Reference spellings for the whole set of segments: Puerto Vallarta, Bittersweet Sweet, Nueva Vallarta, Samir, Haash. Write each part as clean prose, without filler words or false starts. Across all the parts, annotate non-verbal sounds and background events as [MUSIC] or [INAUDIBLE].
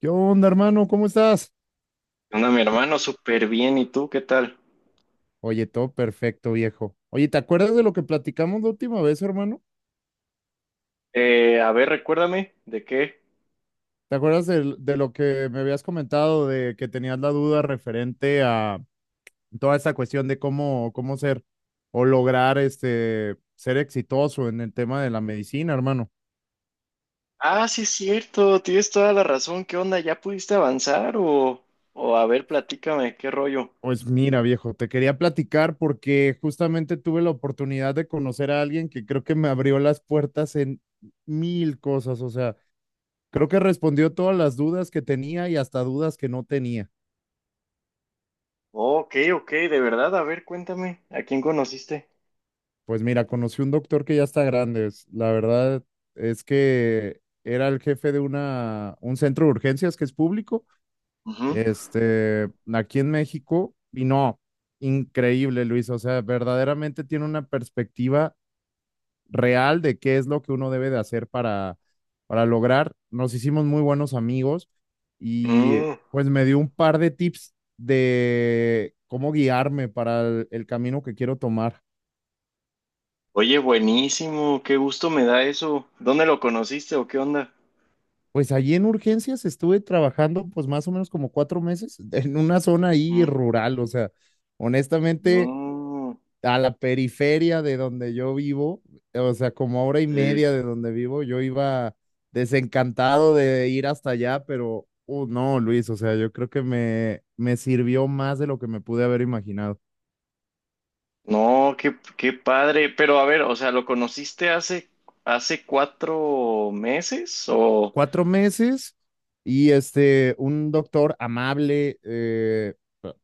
¿Qué onda, hermano? ¿Cómo estás? Anda, mi hermano, súper bien. ¿Y tú qué tal? Oye, todo perfecto, viejo. Oye, ¿te acuerdas de lo que platicamos la última vez, hermano? A ver, recuérdame, ¿de qué? ¿Te acuerdas de lo que me habías comentado, de que tenías la duda referente a toda esta cuestión de cómo ser o lograr ser exitoso en el tema de la medicina, hermano? Ah, sí, es cierto, tienes toda la razón. ¿Qué onda? ¿Ya pudiste avanzar? O a ver, platícame, ¿qué rollo? Pues mira, viejo, te quería platicar porque justamente tuve la oportunidad de conocer a alguien que creo que me abrió las puertas en mil cosas, o sea. Creo que Ujú. respondió todas las dudas que tenía y hasta dudas que no tenía. Oh, ok, ok, de verdad, a ver, cuéntame, ¿a quién conociste? Pues mira, conocí un doctor que ya está grande. La verdad es que era el jefe de un centro de urgencias que es público, Ujú. Aquí en México. Y no, increíble, Luis. O sea, verdaderamente tiene una perspectiva real de qué es lo que uno debe de hacer para lograr. Nos hicimos muy buenos amigos y Mm. pues me dio un par de tips de cómo guiarme para el camino que quiero tomar. Oye, buenísimo, qué gusto me da eso. ¿Dónde lo conociste o qué onda? Pues allí en urgencias estuve trabajando pues más o menos como 4 meses en una zona ahí Ujú. rural, o sea, honestamente Mm, a la periferia de donde yo vivo, o sea, como a hora y sí. media de donde vivo, yo iba desencantado de ir hasta allá, pero no, Luis, o sea, yo creo que me sirvió más de lo que me pude haber imaginado. No, qué padre. Pero a ver, o sea, ¿lo conociste hace, hace cuatro meses? O. Cuatro meses y un doctor amable,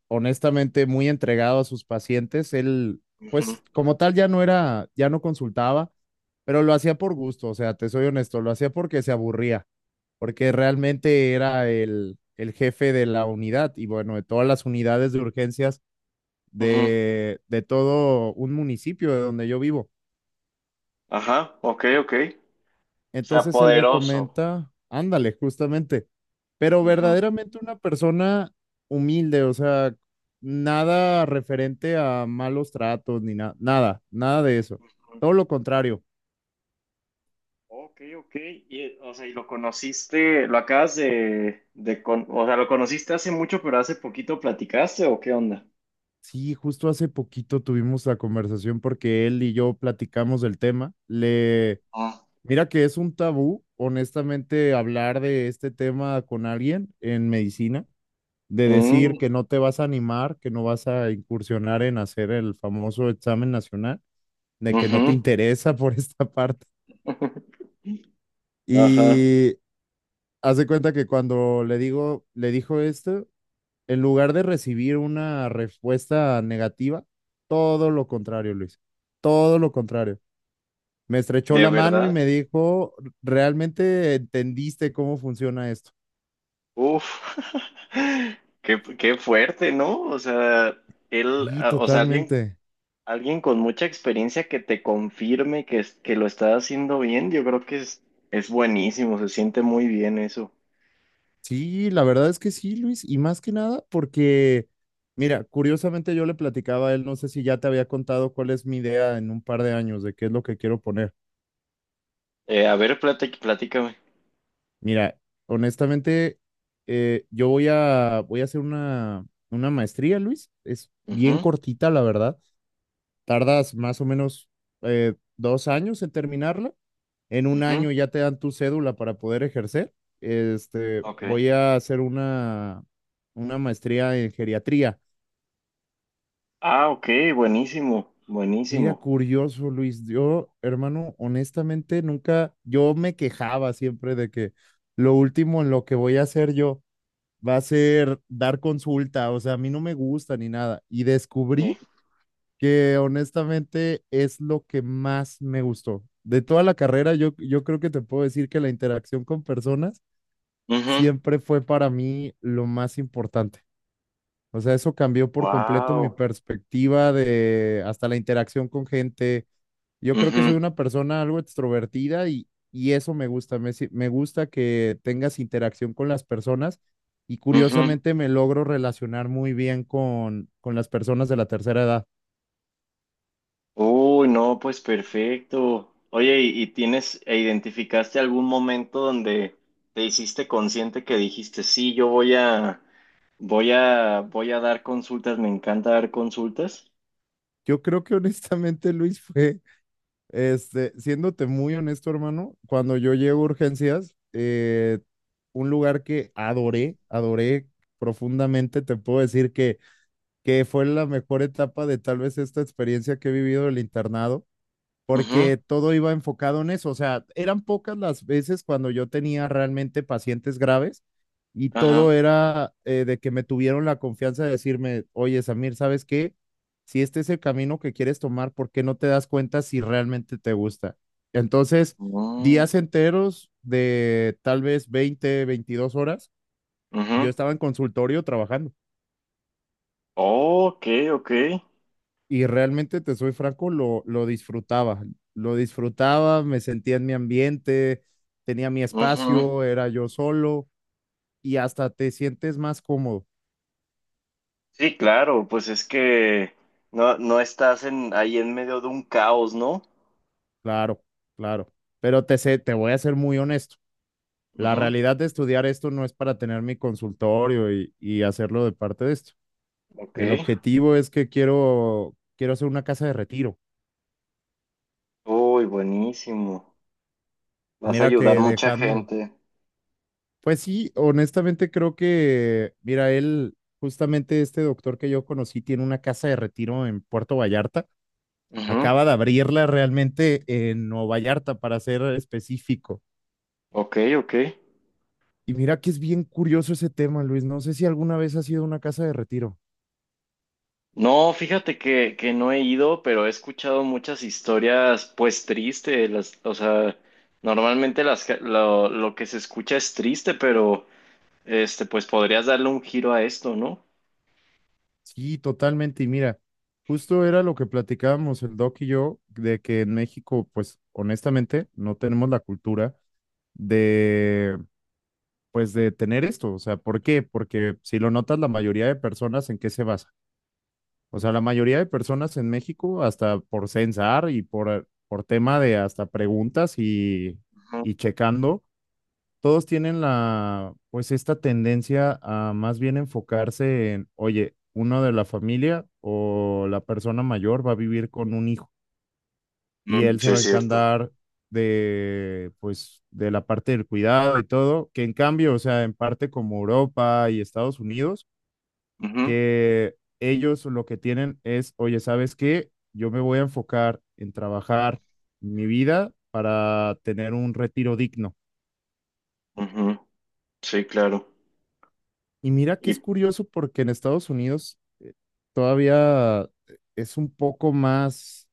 honestamente muy entregado a sus pacientes, él, Ujú, pues como tal, ya no consultaba, pero lo hacía por gusto, o sea, te soy honesto, lo hacía porque se aburría, porque realmente era el jefe de la unidad y bueno, de todas las unidades de urgencias ujú. De todo un municipio de donde yo vivo. Ajá, ok, ok. O sea, Entonces él me poderoso. comenta, ándale, justamente, pero Ujú. verdaderamente una persona humilde, o sea, nada referente a malos tratos ni nada, nada, nada de eso. Todo lo contrario. Ok, ok. Y, o sea, y lo conociste, lo acabas de con- o sea, lo conociste hace mucho, pero hace poquito platicaste, ¿o qué onda? Sí, justo hace poquito tuvimos la conversación porque él y yo platicamos del tema. Ah. Mira que es un tabú, honestamente, hablar de este tema con alguien en medicina, de decir Mm, que no te vas a animar, que no vas a incursionar en hacer el famoso examen nacional, de que no te ujú. interesa [LAUGHS] por esta parte. [LAUGHS] Ajá. Y hace cuenta que cuando le digo, le dijo esto, en lugar de recibir una respuesta negativa, todo lo contrario, Luis, todo lo contrario. Me estrechó ¿De la mano y verdad? me dijo, ¿realmente entendiste cómo funciona esto? Uf, [LAUGHS] qué fuerte, ¿no? O sea, él, Y ah, o sea, alguien, totalmente. alguien con mucha experiencia que te confirme que lo está haciendo bien, yo creo que es buenísimo, se siente muy bien eso. Sí, la verdad es que sí, Luis, y más que nada mira, curiosamente yo le platicaba a él, no sé si ya te había contado cuál es mi idea en un par de años de qué es lo que quiero poner. A ver, platícame. Mira, honestamente, voy a hacer una maestría, Luis. Es bien Ujú, cortita, la verdad. Tardas más o menos 2 años en terminarla. En un ujú, año ya te dan tu cédula para poder ejercer. Este, ok. voy a hacer una maestría en geriatría. Ah, ok, buenísimo, Mira, buenísimo. curioso, Luis. Yo, hermano, honestamente, nunca, yo me quejaba siempre de que lo último en lo que voy a hacer yo va a ser dar consulta, o sea, a mí no me gusta ni nada. Y Sí. descubrí que honestamente es lo que más me gustó. De toda la carrera, yo creo que te puedo decir que la interacción con personas siempre fue para mí lo más importante. O sea, eso cambió por completo mi Wow. perspectiva de hasta la interacción con gente. Yo creo que soy una persona algo extrovertida y eso me gusta. Me, si- me gusta que tengas interacción con las personas y curiosamente me logro relacionar muy bien con las personas de la tercera edad. Uy, no, pues perfecto. Oye, y tienes e identificaste algún momento donde te hiciste consciente que dijiste, sí, yo voy a, voy a, voy a dar consultas, me encanta dar consultas? Yo creo que honestamente, Luis, fue, siéndote muy honesto, hermano, cuando yo llego a urgencias, un lugar que adoré, adoré profundamente, te puedo decir que fue la mejor etapa de tal vez esta experiencia que he vivido del internado, Ujú, porque todo iba enfocado en eso. O sea, eran pocas las veces cuando yo tenía realmente pacientes graves y todo ajá. era de que me tuvieron la confianza de decirme, oye, Samir, ¿sabes qué? Si este es el camino que quieres tomar, ¿por qué no te das cuenta si realmente te gusta? Entonces, Mm, días enteros de tal vez 20 22 horas, yo ujú. estaba en consultorio trabajando. Ok, ok. Y realmente, te soy franco, lo disfrutaba. Lo disfrutaba, me sentía en mi ambiente, tenía mi Ujú. espacio, era yo solo y hasta te sientes más cómodo. Sí, claro, pues es que no, ahí en medio de un caos, ¿no? Claro, claro. Pero te voy a ser muy honesto. La Ujú, realidad de estudiar esto no es para tener mi consultorio y hacerlo de parte de esto. ok. El objetivo es que quiero hacer una casa de retiro. Uy, buenísimo. Vas a Mira ayudar que mucha dejando, gente. Pues sí, honestamente creo que, mira, él, justamente este doctor que yo conocí, tiene una casa de retiro en Puerto Vallarta. Ujú, Acaba de abrirla realmente en Nueva Vallarta, para ser específico. ok, ok. Y mira que es bien curioso ese tema, Luis. No sé si alguna vez ha sido una casa de retiro. No, fíjate que no he ido, pero he escuchado muchas historias, pues tristes. Las, o sea, normalmente las, que- Lo que se escucha es triste, pero pues podrías darle un giro a esto, ¿no? Sí, totalmente. Y mira, justo era lo que platicábamos el doc y yo, de que en México, pues honestamente, no tenemos la cultura de pues de tener esto. O sea, ¿por qué? Porque si lo notas, la mayoría de personas en qué se basa. O sea, la mayoría de personas en México, hasta por censar y por tema de hasta preguntas y, Ujú. y checando, todos tienen la, pues esta tendencia a más bien enfocarse en, oye, uno de la familia o la persona mayor va a vivir con un hijo y Mm, él se sí, va a es cierto. encantar de, pues, de la parte del cuidado y todo, que en cambio, o sea, en parte como Europa y Estados Unidos, que ellos lo que tienen es, oye, ¿sabes qué? Yo me voy a enfocar en trabajar mi vida para tener un retiro digno. Ujú, ujú, sí, claro. Y mira que es Y curioso porque en Estados Unidos todavía es un poco más,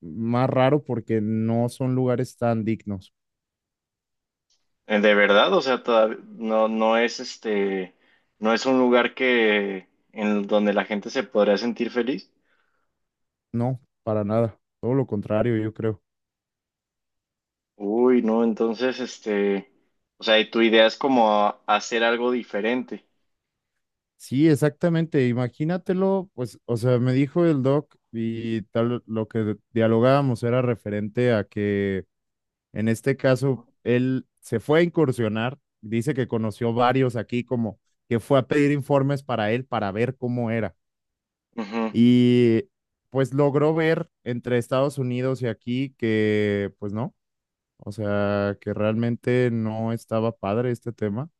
más raro porque no son lugares tan dignos. De verdad, o sea, no, no es un lugar que en donde la gente se podría sentir feliz. No, para nada. Todo lo contrario, yo creo. Uy, no, entonces, o sea, y tu idea es como hacer algo diferente. Sí, exactamente. Imagínatelo, pues, o sea, me dijo el doc y tal, lo que dialogábamos era referente a que en este caso él se fue a incursionar, dice que conoció varios aquí como que fue a pedir informes para él para ver cómo era. Ujú, Y pues logró ver entre Estados Unidos y aquí que pues no, o sea, que realmente no estaba padre este tema,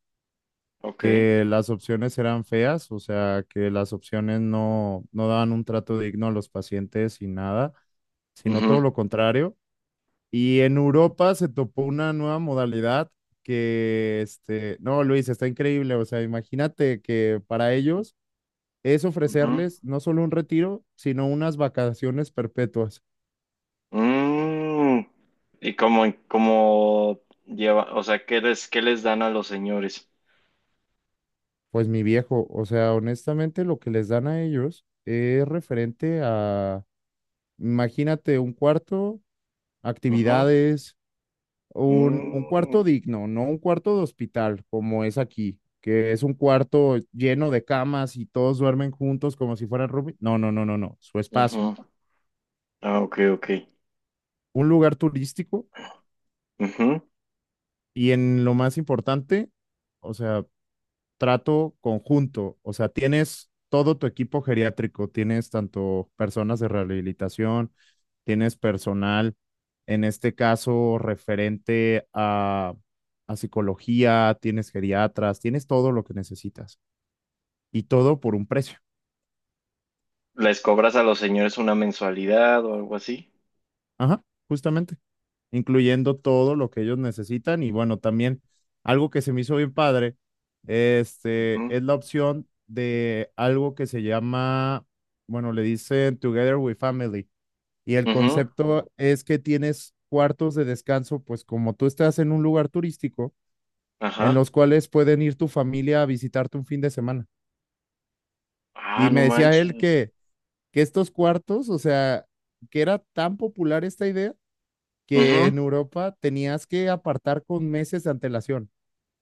ok. que las opciones eran feas, o sea, que las opciones no daban un trato digno a los pacientes y nada, sino todo Ujú, lo contrario. Y en Europa se topó una nueva modalidad que, no, Luis, está increíble, o sea, imagínate que para ellos es ujú. ofrecerles no solo un retiro, sino unas vacaciones perpetuas. Mm, como lleva, o sea, ¿qué les dan a los señores? Pues mi viejo, o sea, honestamente lo que les dan a ellos es referente a, imagínate, un cuarto, Ujú, actividades, un cuarto mm, digno, no un cuarto de hospital como es aquí, que es un cuarto lleno de camas y todos duermen juntos como si fueran roomies. No, no, no, no, no, su espacio, ujú. Ah, ok, ok. un lugar turístico Ujú. y en lo más importante, o sea, trato conjunto, o sea, tienes todo tu equipo geriátrico, tienes tanto personas de rehabilitación, tienes personal, en este caso referente a psicología, tienes geriatras, tienes todo lo que necesitas y todo por un precio. ¿Les cobras a los señores una mensualidad o algo así? Ajá, justamente, incluyendo todo lo que ellos necesitan y bueno, también algo que se me hizo bien padre, Ujú, es la opción de algo que se llama, bueno, le dicen Together with Family y el ujú, concepto es que tienes cuartos de descanso, pues como tú estás en un lugar turístico, en ajá. los cuales pueden ir tu familia a visitarte un fin de semana. Ah, Y no me decía él manches. Que estos cuartos, o sea, que era tan popular esta idea que Ujú, en Europa tenías que apartar con meses de antelación,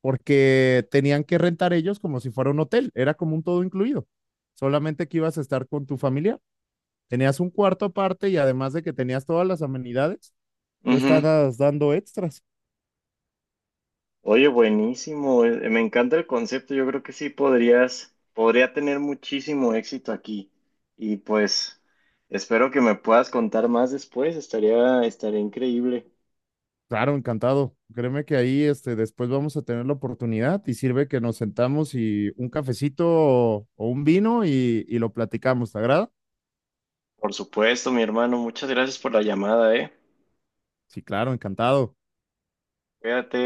porque tenían que rentar ellos como si fuera un hotel, era como un todo incluido, solamente que ibas a estar con tu familia, tenías un cuarto aparte y además de que tenías todas las amenidades, tú ujú. estabas dando extras. Oye, buenísimo, me encanta el concepto, yo creo que sí podría tener muchísimo éxito aquí y pues espero que me puedas contar más después, estaría increíble. Claro, encantado. Créeme que ahí después vamos a tener la oportunidad y sirve que nos sentamos y un cafecito o un vino y lo platicamos. ¿Te agrada? Por supuesto, mi hermano, muchas gracias por la llamada, ¿eh? Sí, claro, encantado. Cuídate.